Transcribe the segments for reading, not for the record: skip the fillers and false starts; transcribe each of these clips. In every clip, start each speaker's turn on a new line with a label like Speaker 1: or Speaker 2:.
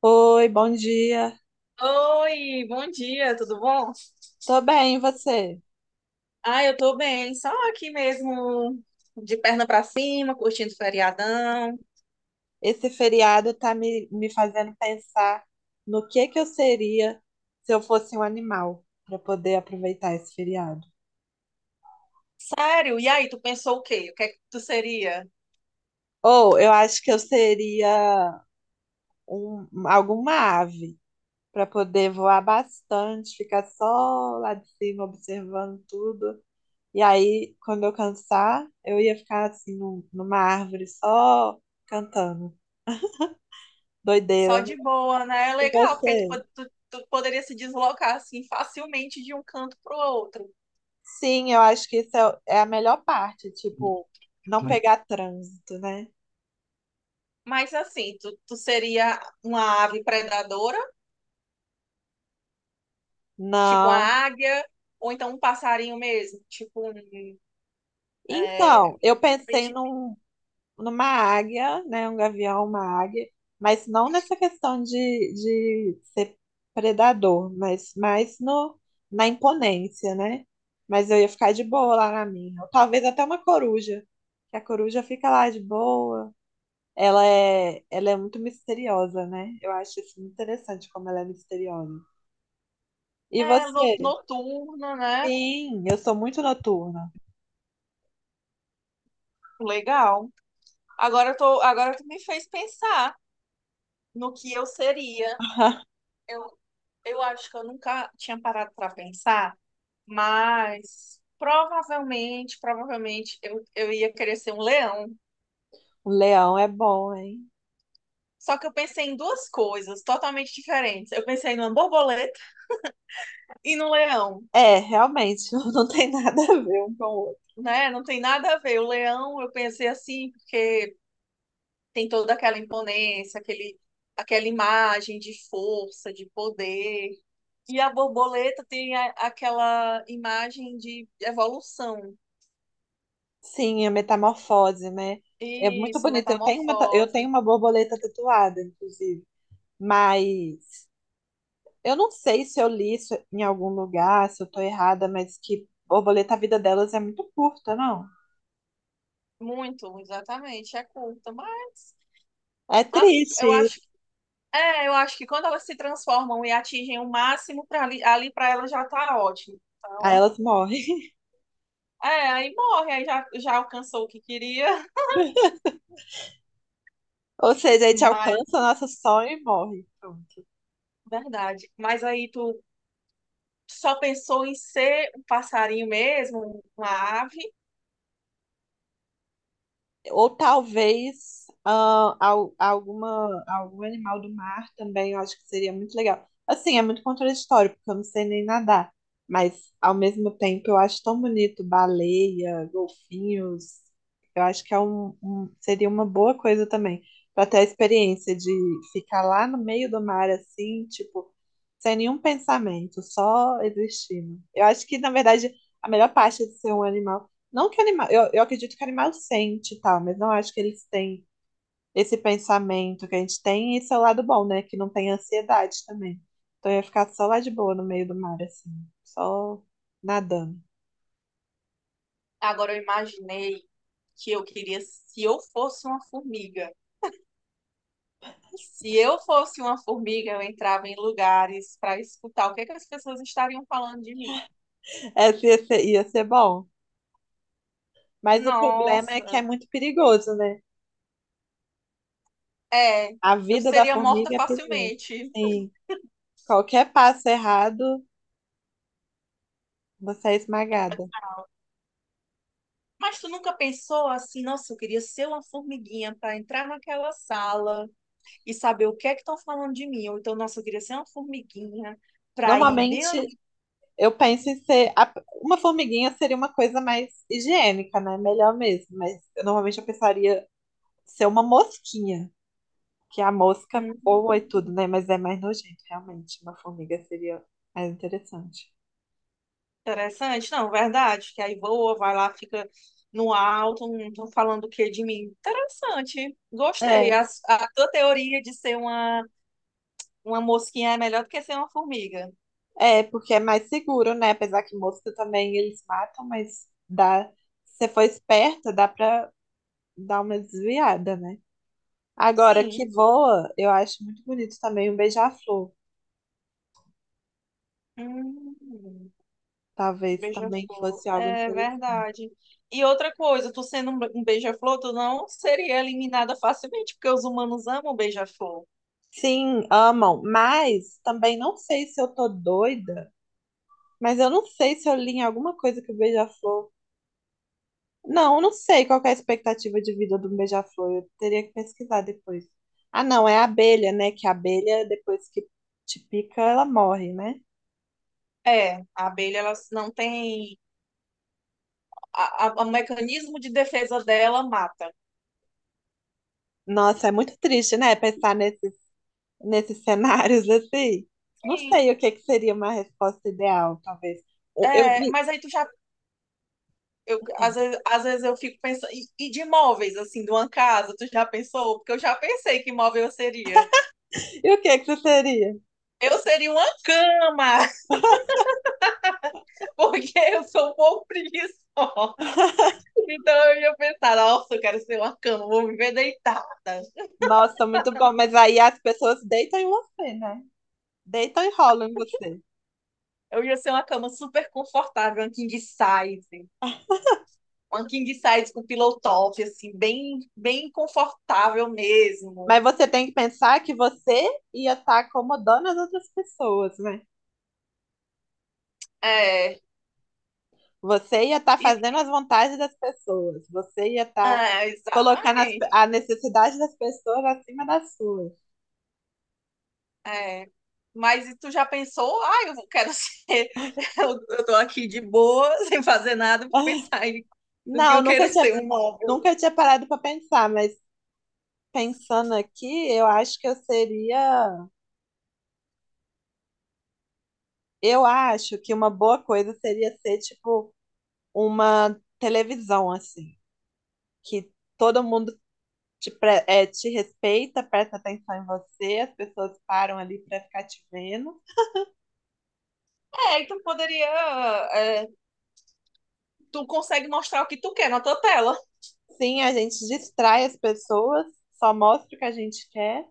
Speaker 1: Oi, bom dia.
Speaker 2: Oi, bom dia, tudo bom?
Speaker 1: Tô bem, e você?
Speaker 2: Ah, eu tô bem, só aqui mesmo, de perna pra cima, curtindo o feriadão.
Speaker 1: Esse feriado tá me fazendo pensar no que eu seria se eu fosse um animal para poder aproveitar esse feriado.
Speaker 2: Sério? E aí, tu pensou o quê? O que é que tu seria?
Speaker 1: Ou eu acho que eu seria alguma ave para poder voar bastante, ficar só lá de cima observando tudo. E aí, quando eu cansar, eu ia ficar assim numa árvore só cantando.
Speaker 2: Só
Speaker 1: Doideira, né?
Speaker 2: de boa, né? É
Speaker 1: E
Speaker 2: legal, porque aí tu,
Speaker 1: você?
Speaker 2: po- tu, tu poderia se deslocar assim facilmente de um canto pro outro.
Speaker 1: Sim, eu acho que isso é a melhor parte, tipo, não pegar trânsito, né?
Speaker 2: Mas assim, tu seria uma ave predadora, tipo uma
Speaker 1: Não.
Speaker 2: águia, ou então um passarinho mesmo, é,
Speaker 1: Então,
Speaker 2: gente-
Speaker 1: numa águia, né? Um gavião, uma águia, mas não nessa questão de ser predador, mas mais no, na imponência, né? Mas eu ia ficar de boa lá na minha. Ou talvez até uma coruja, que a coruja fica lá de boa. Ela é muito misteriosa, né? Eu acho isso muito interessante como ela é misteriosa. E você?
Speaker 2: noturno, né?
Speaker 1: Sim, eu sou muito noturna.
Speaker 2: Legal. Agora tu me fez pensar no que eu seria. Eu, eu acho que eu nunca tinha parado para pensar, mas provavelmente eu ia querer ser um leão.
Speaker 1: O leão é bom, hein?
Speaker 2: Só que eu pensei em duas coisas totalmente diferentes. Eu pensei numa borboleta e no leão,
Speaker 1: É, realmente, não tem nada a ver um com o outro.
Speaker 2: né? Não tem nada a ver. O leão, eu pensei assim, porque tem toda aquela aquela imagem de força, de poder. E a borboleta tem aquela imagem de evolução.
Speaker 1: Sim, a metamorfose, né? É muito
Speaker 2: Isso,
Speaker 1: bonito. Eu tenho
Speaker 2: metamorfose.
Speaker 1: uma borboleta tatuada, inclusive. Mas eu não sei se eu li isso em algum lugar, se eu tô errada, mas que borboleta, a vida delas é muito curta, não?
Speaker 2: Muito, exatamente. É curta, mas
Speaker 1: É
Speaker 2: assim, eu
Speaker 1: triste.
Speaker 2: acho, eu acho que quando elas se transformam e atingem o máximo para ali, ali para elas já tá ótimo.
Speaker 1: Aí
Speaker 2: Então,
Speaker 1: elas morrem.
Speaker 2: é, aí morre, aí já, já alcançou o que queria.
Speaker 1: Ou seja, a gente
Speaker 2: Mas,
Speaker 1: alcança o nosso sonho e morre. Pronto.
Speaker 2: verdade. Mas aí tu só pensou em ser um passarinho mesmo, uma ave.
Speaker 1: Ou talvez alguma, algum animal do mar também, eu acho que seria muito legal. Assim, é muito contraditório, porque eu não sei nem nadar. Mas, ao mesmo tempo, eu acho tão bonito baleia, golfinhos. Eu acho que é seria uma boa coisa também, para ter a experiência de ficar lá no meio do mar, assim, tipo, sem nenhum pensamento, só existindo. Eu acho que, na verdade, a melhor parte de ser um animal não que animal, eu acredito que animal sente e tal, mas não acho que eles têm esse pensamento que a gente tem, e esse é o lado bom, né? Que não tem ansiedade também. Então eu ia ficar só lá de boa no meio do mar, assim, só nadando.
Speaker 2: Agora eu imaginei que eu queria, se eu fosse uma formiga. Se eu fosse uma formiga, eu entrava em lugares para escutar o que é que as pessoas estariam falando de mim.
Speaker 1: É, ia ser bom. Mas o problema é que é
Speaker 2: Nossa,
Speaker 1: muito perigoso, né?
Speaker 2: é,
Speaker 1: A
Speaker 2: eu
Speaker 1: vida da
Speaker 2: seria morta
Speaker 1: formiga é perigosa.
Speaker 2: facilmente.
Speaker 1: Sim, qualquer passo errado, você é esmagada.
Speaker 2: Mas tu nunca pensou assim, nossa, eu queria ser uma formiguinha para entrar naquela sala e saber o que é que estão falando de mim. Ou então, nossa, eu queria ser uma formiguinha para ir dentro.
Speaker 1: Normalmente, eu penso em ser. Uma formiguinha seria uma coisa mais higiênica, né? Melhor mesmo. Mas eu, normalmente eu pensaria ser uma mosquinha, que a mosca
Speaker 2: Hum.
Speaker 1: voa e tudo, né? Mas é mais nojento, realmente. Uma formiga seria mais interessante.
Speaker 2: Interessante, não, verdade, que aí voa, vai lá, fica no alto, não estão falando o que de mim. Interessante, gostei.
Speaker 1: É,
Speaker 2: A tua teoria de ser uma mosquinha é melhor do que ser uma formiga.
Speaker 1: porque é mais seguro, né? Apesar que mosca também eles matam, mas dá. Se você for esperta, dá pra dar uma desviada, né? Agora,
Speaker 2: Sim,
Speaker 1: que voa, eu acho muito bonito também um beija-flor.
Speaker 2: hum,
Speaker 1: Talvez também
Speaker 2: beija-flor,
Speaker 1: fosse algo
Speaker 2: é
Speaker 1: interessante.
Speaker 2: verdade. E outra coisa, tu sendo um beija-flor, tu não seria eliminada facilmente, porque os humanos amam beija-flor.
Speaker 1: Sim, amam, mas também não sei se eu tô doida, mas eu não sei se eu li em alguma coisa que o Beija-Flor. Não, eu não sei qual que é a expectativa de vida do Beija-Flor, eu teria que pesquisar depois. Ah, não, é a abelha, né? Que a abelha, depois que te pica, ela morre, né?
Speaker 2: É, a abelha, ela não tem... O mecanismo de defesa dela mata.
Speaker 1: Nossa, é muito triste, né? Pensar nesses, nesses cenários assim. Não
Speaker 2: Sim.
Speaker 1: sei o que que seria uma resposta ideal, talvez. O- Eu,
Speaker 2: É, mas aí tu já... às vezes eu fico pensando. E de móveis, assim, de uma casa, tu já pensou? Porque eu já pensei que móvel eu seria.
Speaker 1: e o que que você seria?
Speaker 2: Eu seria uma cama, porque eu sou um pouco preguiçosa. Então eu ia pensar, nossa, eu quero ser uma cama, vou viver deitada.
Speaker 1: Nossa, muito bom. Mas aí as pessoas deitam em você, né? Deitam e rolam em você.
Speaker 2: Eu ia ser uma cama super confortável, uma king size. Uma king size com pillow top, assim, bem confortável mesmo.
Speaker 1: Mas você tem que pensar que você ia estar acomodando as outras pessoas, né?
Speaker 2: É,
Speaker 1: Você ia estar
Speaker 2: e-
Speaker 1: fazendo as vontades das pessoas. Você ia estar
Speaker 2: é,
Speaker 1: colocando
Speaker 2: exatamente.
Speaker 1: a necessidade das pessoas acima das suas.
Speaker 2: É. Mas e tu já pensou? Ah, quero ser. Eu tô aqui de boa, sem fazer nada, vou
Speaker 1: Ah,
Speaker 2: pensar em do que
Speaker 1: não,
Speaker 2: eu quero ser, um móvel.
Speaker 1: nunca tinha parado para pensar, mas pensando aqui, eu acho que eu seria. Eu acho que uma boa coisa seria ser, tipo, uma televisão, assim. Que todo mundo te respeita, presta atenção em você, as pessoas param ali para ficar te vendo.
Speaker 2: É, e tu poderia. É, tu consegue mostrar o que tu quer na tua tela.
Speaker 1: Sim, a gente distrai as pessoas, só mostra o que a gente quer.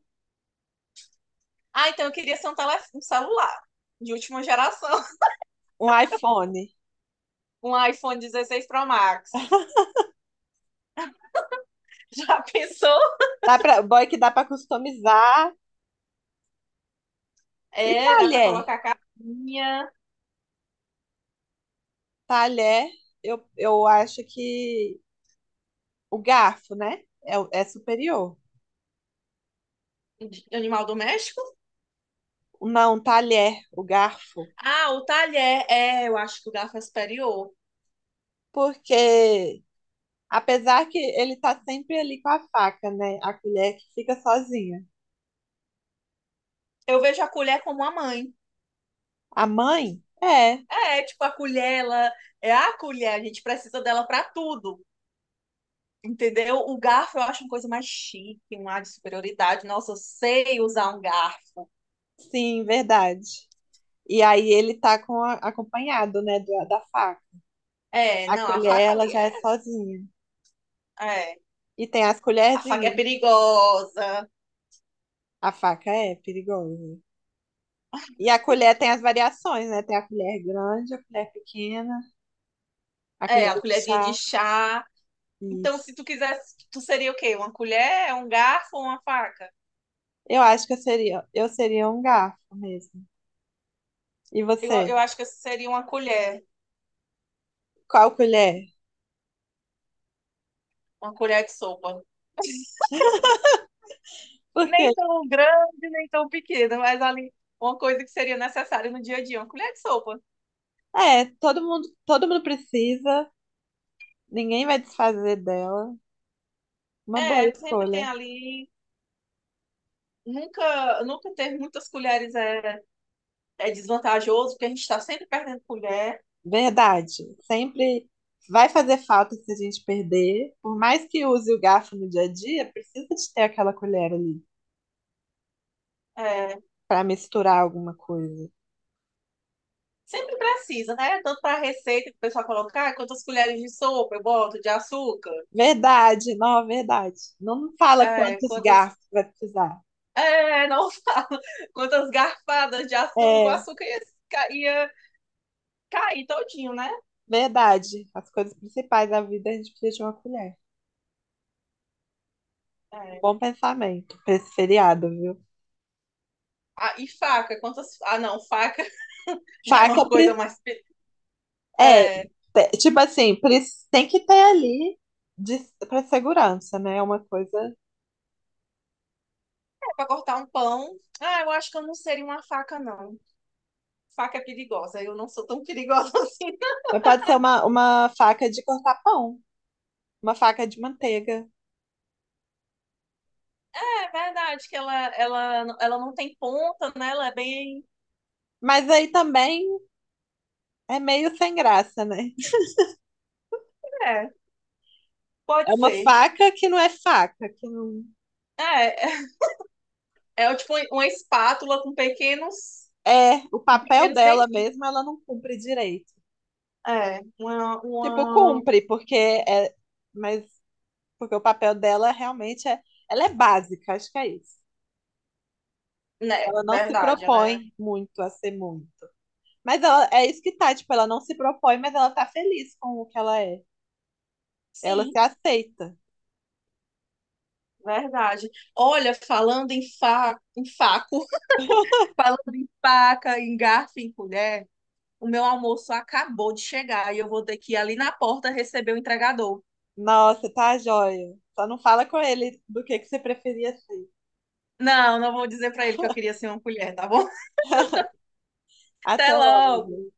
Speaker 2: Ah, então eu queria ser um celular de última geração.
Speaker 1: Um iPhone.
Speaker 2: Um iPhone 16 Pro Max. Já pensou?
Speaker 1: Dá pra, boy que dá para customizar. E
Speaker 2: É, dá pra
Speaker 1: talher.
Speaker 2: colocar capinha
Speaker 1: Talher, eu acho que o garfo, né? É, é superior.
Speaker 2: de animal doméstico?
Speaker 1: Não, talher, o garfo.
Speaker 2: Ah, o talher. É, eu acho que o garfo é superior.
Speaker 1: Porque apesar que ele tá sempre ali com a faca, né? A colher que fica sozinha.
Speaker 2: Eu vejo a colher como a mãe.
Speaker 1: A mãe? É,
Speaker 2: É, tipo, a colher, ela é a colher, a gente precisa dela pra tudo, entendeu? O garfo eu acho uma coisa mais chique, um ar de superioridade. Nossa, eu sei usar um garfo.
Speaker 1: sim, verdade. E aí ele tá com acompanhado, né, da faca.
Speaker 2: É,
Speaker 1: A
Speaker 2: não, a
Speaker 1: colher,
Speaker 2: faca
Speaker 1: ela
Speaker 2: ali
Speaker 1: já é
Speaker 2: é...
Speaker 1: sozinha.
Speaker 2: É,
Speaker 1: E tem as
Speaker 2: a faca é
Speaker 1: colherzinhas.
Speaker 2: perigosa.
Speaker 1: A faca é perigosa. E a colher tem as variações, né? Tem a colher grande, a colher pequena, a
Speaker 2: É,
Speaker 1: colher
Speaker 2: a
Speaker 1: de
Speaker 2: colherzinha de
Speaker 1: chá.
Speaker 2: chá. Então,
Speaker 1: Isso.
Speaker 2: se tu quisesse, tu seria o quê? Uma colher, um garfo ou uma faca?
Speaker 1: Eu acho que eu seria um garfo mesmo. E você?
Speaker 2: Eu acho que eu seria
Speaker 1: Qual colher?
Speaker 2: uma colher de sopa.
Speaker 1: Porque
Speaker 2: Nem tão grande, nem tão pequena, mas ali uma coisa que seria necessária no dia a dia, uma colher de sopa.
Speaker 1: é, todo mundo precisa, ninguém vai desfazer dela. Uma boa
Speaker 2: É, sempre tem
Speaker 1: escolha.
Speaker 2: ali. Nunca ter muitas colheres é desvantajoso, porque a gente está sempre perdendo colher.
Speaker 1: Verdade. Sempre vai fazer falta se a gente perder. Por mais que use o garfo no dia a dia, precisa de ter aquela colher ali
Speaker 2: É,
Speaker 1: para misturar alguma coisa.
Speaker 2: sempre precisa, né? Tanto para a receita que o pessoal colocar, ah, quantas colheres de sopa eu boto, de açúcar,
Speaker 1: Verdade. Não fala
Speaker 2: é,
Speaker 1: quantos
Speaker 2: quantas.
Speaker 1: garfos vai precisar.
Speaker 2: É, não falo, quantas garfadas de açúcar, o
Speaker 1: É,
Speaker 2: açúcar ia, ia cair todinho, né?
Speaker 1: verdade. As coisas principais da vida a gente precisa de uma colher. Um
Speaker 2: É.
Speaker 1: bom pensamento para esse feriado, viu?
Speaker 2: Ah, e faca, quantas. Ah, não, faca já é
Speaker 1: Faca,
Speaker 2: uma coisa
Speaker 1: pre-
Speaker 2: mais...
Speaker 1: é,
Speaker 2: É, é
Speaker 1: te- tipo assim, pre- Tem que ter ali de, para segurança, né? É uma coisa.
Speaker 2: para cortar um pão. Ah, eu acho que eu não seria uma faca, não. Faca perigosa. Eu não sou tão perigosa assim.
Speaker 1: Mas pode ser uma faca de cortar pão, uma faca de manteiga.
Speaker 2: É verdade que ela não tem ponta, né? Ela é bem...
Speaker 1: Mas aí também é meio sem graça, né?
Speaker 2: É,
Speaker 1: É
Speaker 2: pode
Speaker 1: uma
Speaker 2: ser.
Speaker 1: faca que não é faca, que não
Speaker 2: É, é, é tipo uma espátula com
Speaker 1: é o papel
Speaker 2: pequenos
Speaker 1: dela
Speaker 2: dentinhos.
Speaker 1: mesmo, ela não cumpre direito.
Speaker 2: É,
Speaker 1: Tipo,
Speaker 2: uma...
Speaker 1: cumpre, porque é, mas porque o papel dela realmente é, ela é básica, acho que é isso.
Speaker 2: Né,
Speaker 1: Ela não se
Speaker 2: verdade, ela é.
Speaker 1: propõe muito a ser muito. Mas ela, é isso que tá, tipo, ela não se propõe, mas ela tá feliz com o que ela é. Ela
Speaker 2: Sim,
Speaker 1: se aceita.
Speaker 2: verdade. Olha, em faco, falando em faca, em garfo, em colher, o meu almoço acabou de chegar e eu vou ter que ir ali na porta receber o entregador.
Speaker 1: Nossa, tá joia. Só não fala com ele do que você preferia ser.
Speaker 2: Não, não vou dizer pra ele que eu queria ser uma colher, tá bom? Até
Speaker 1: Até logo.
Speaker 2: logo.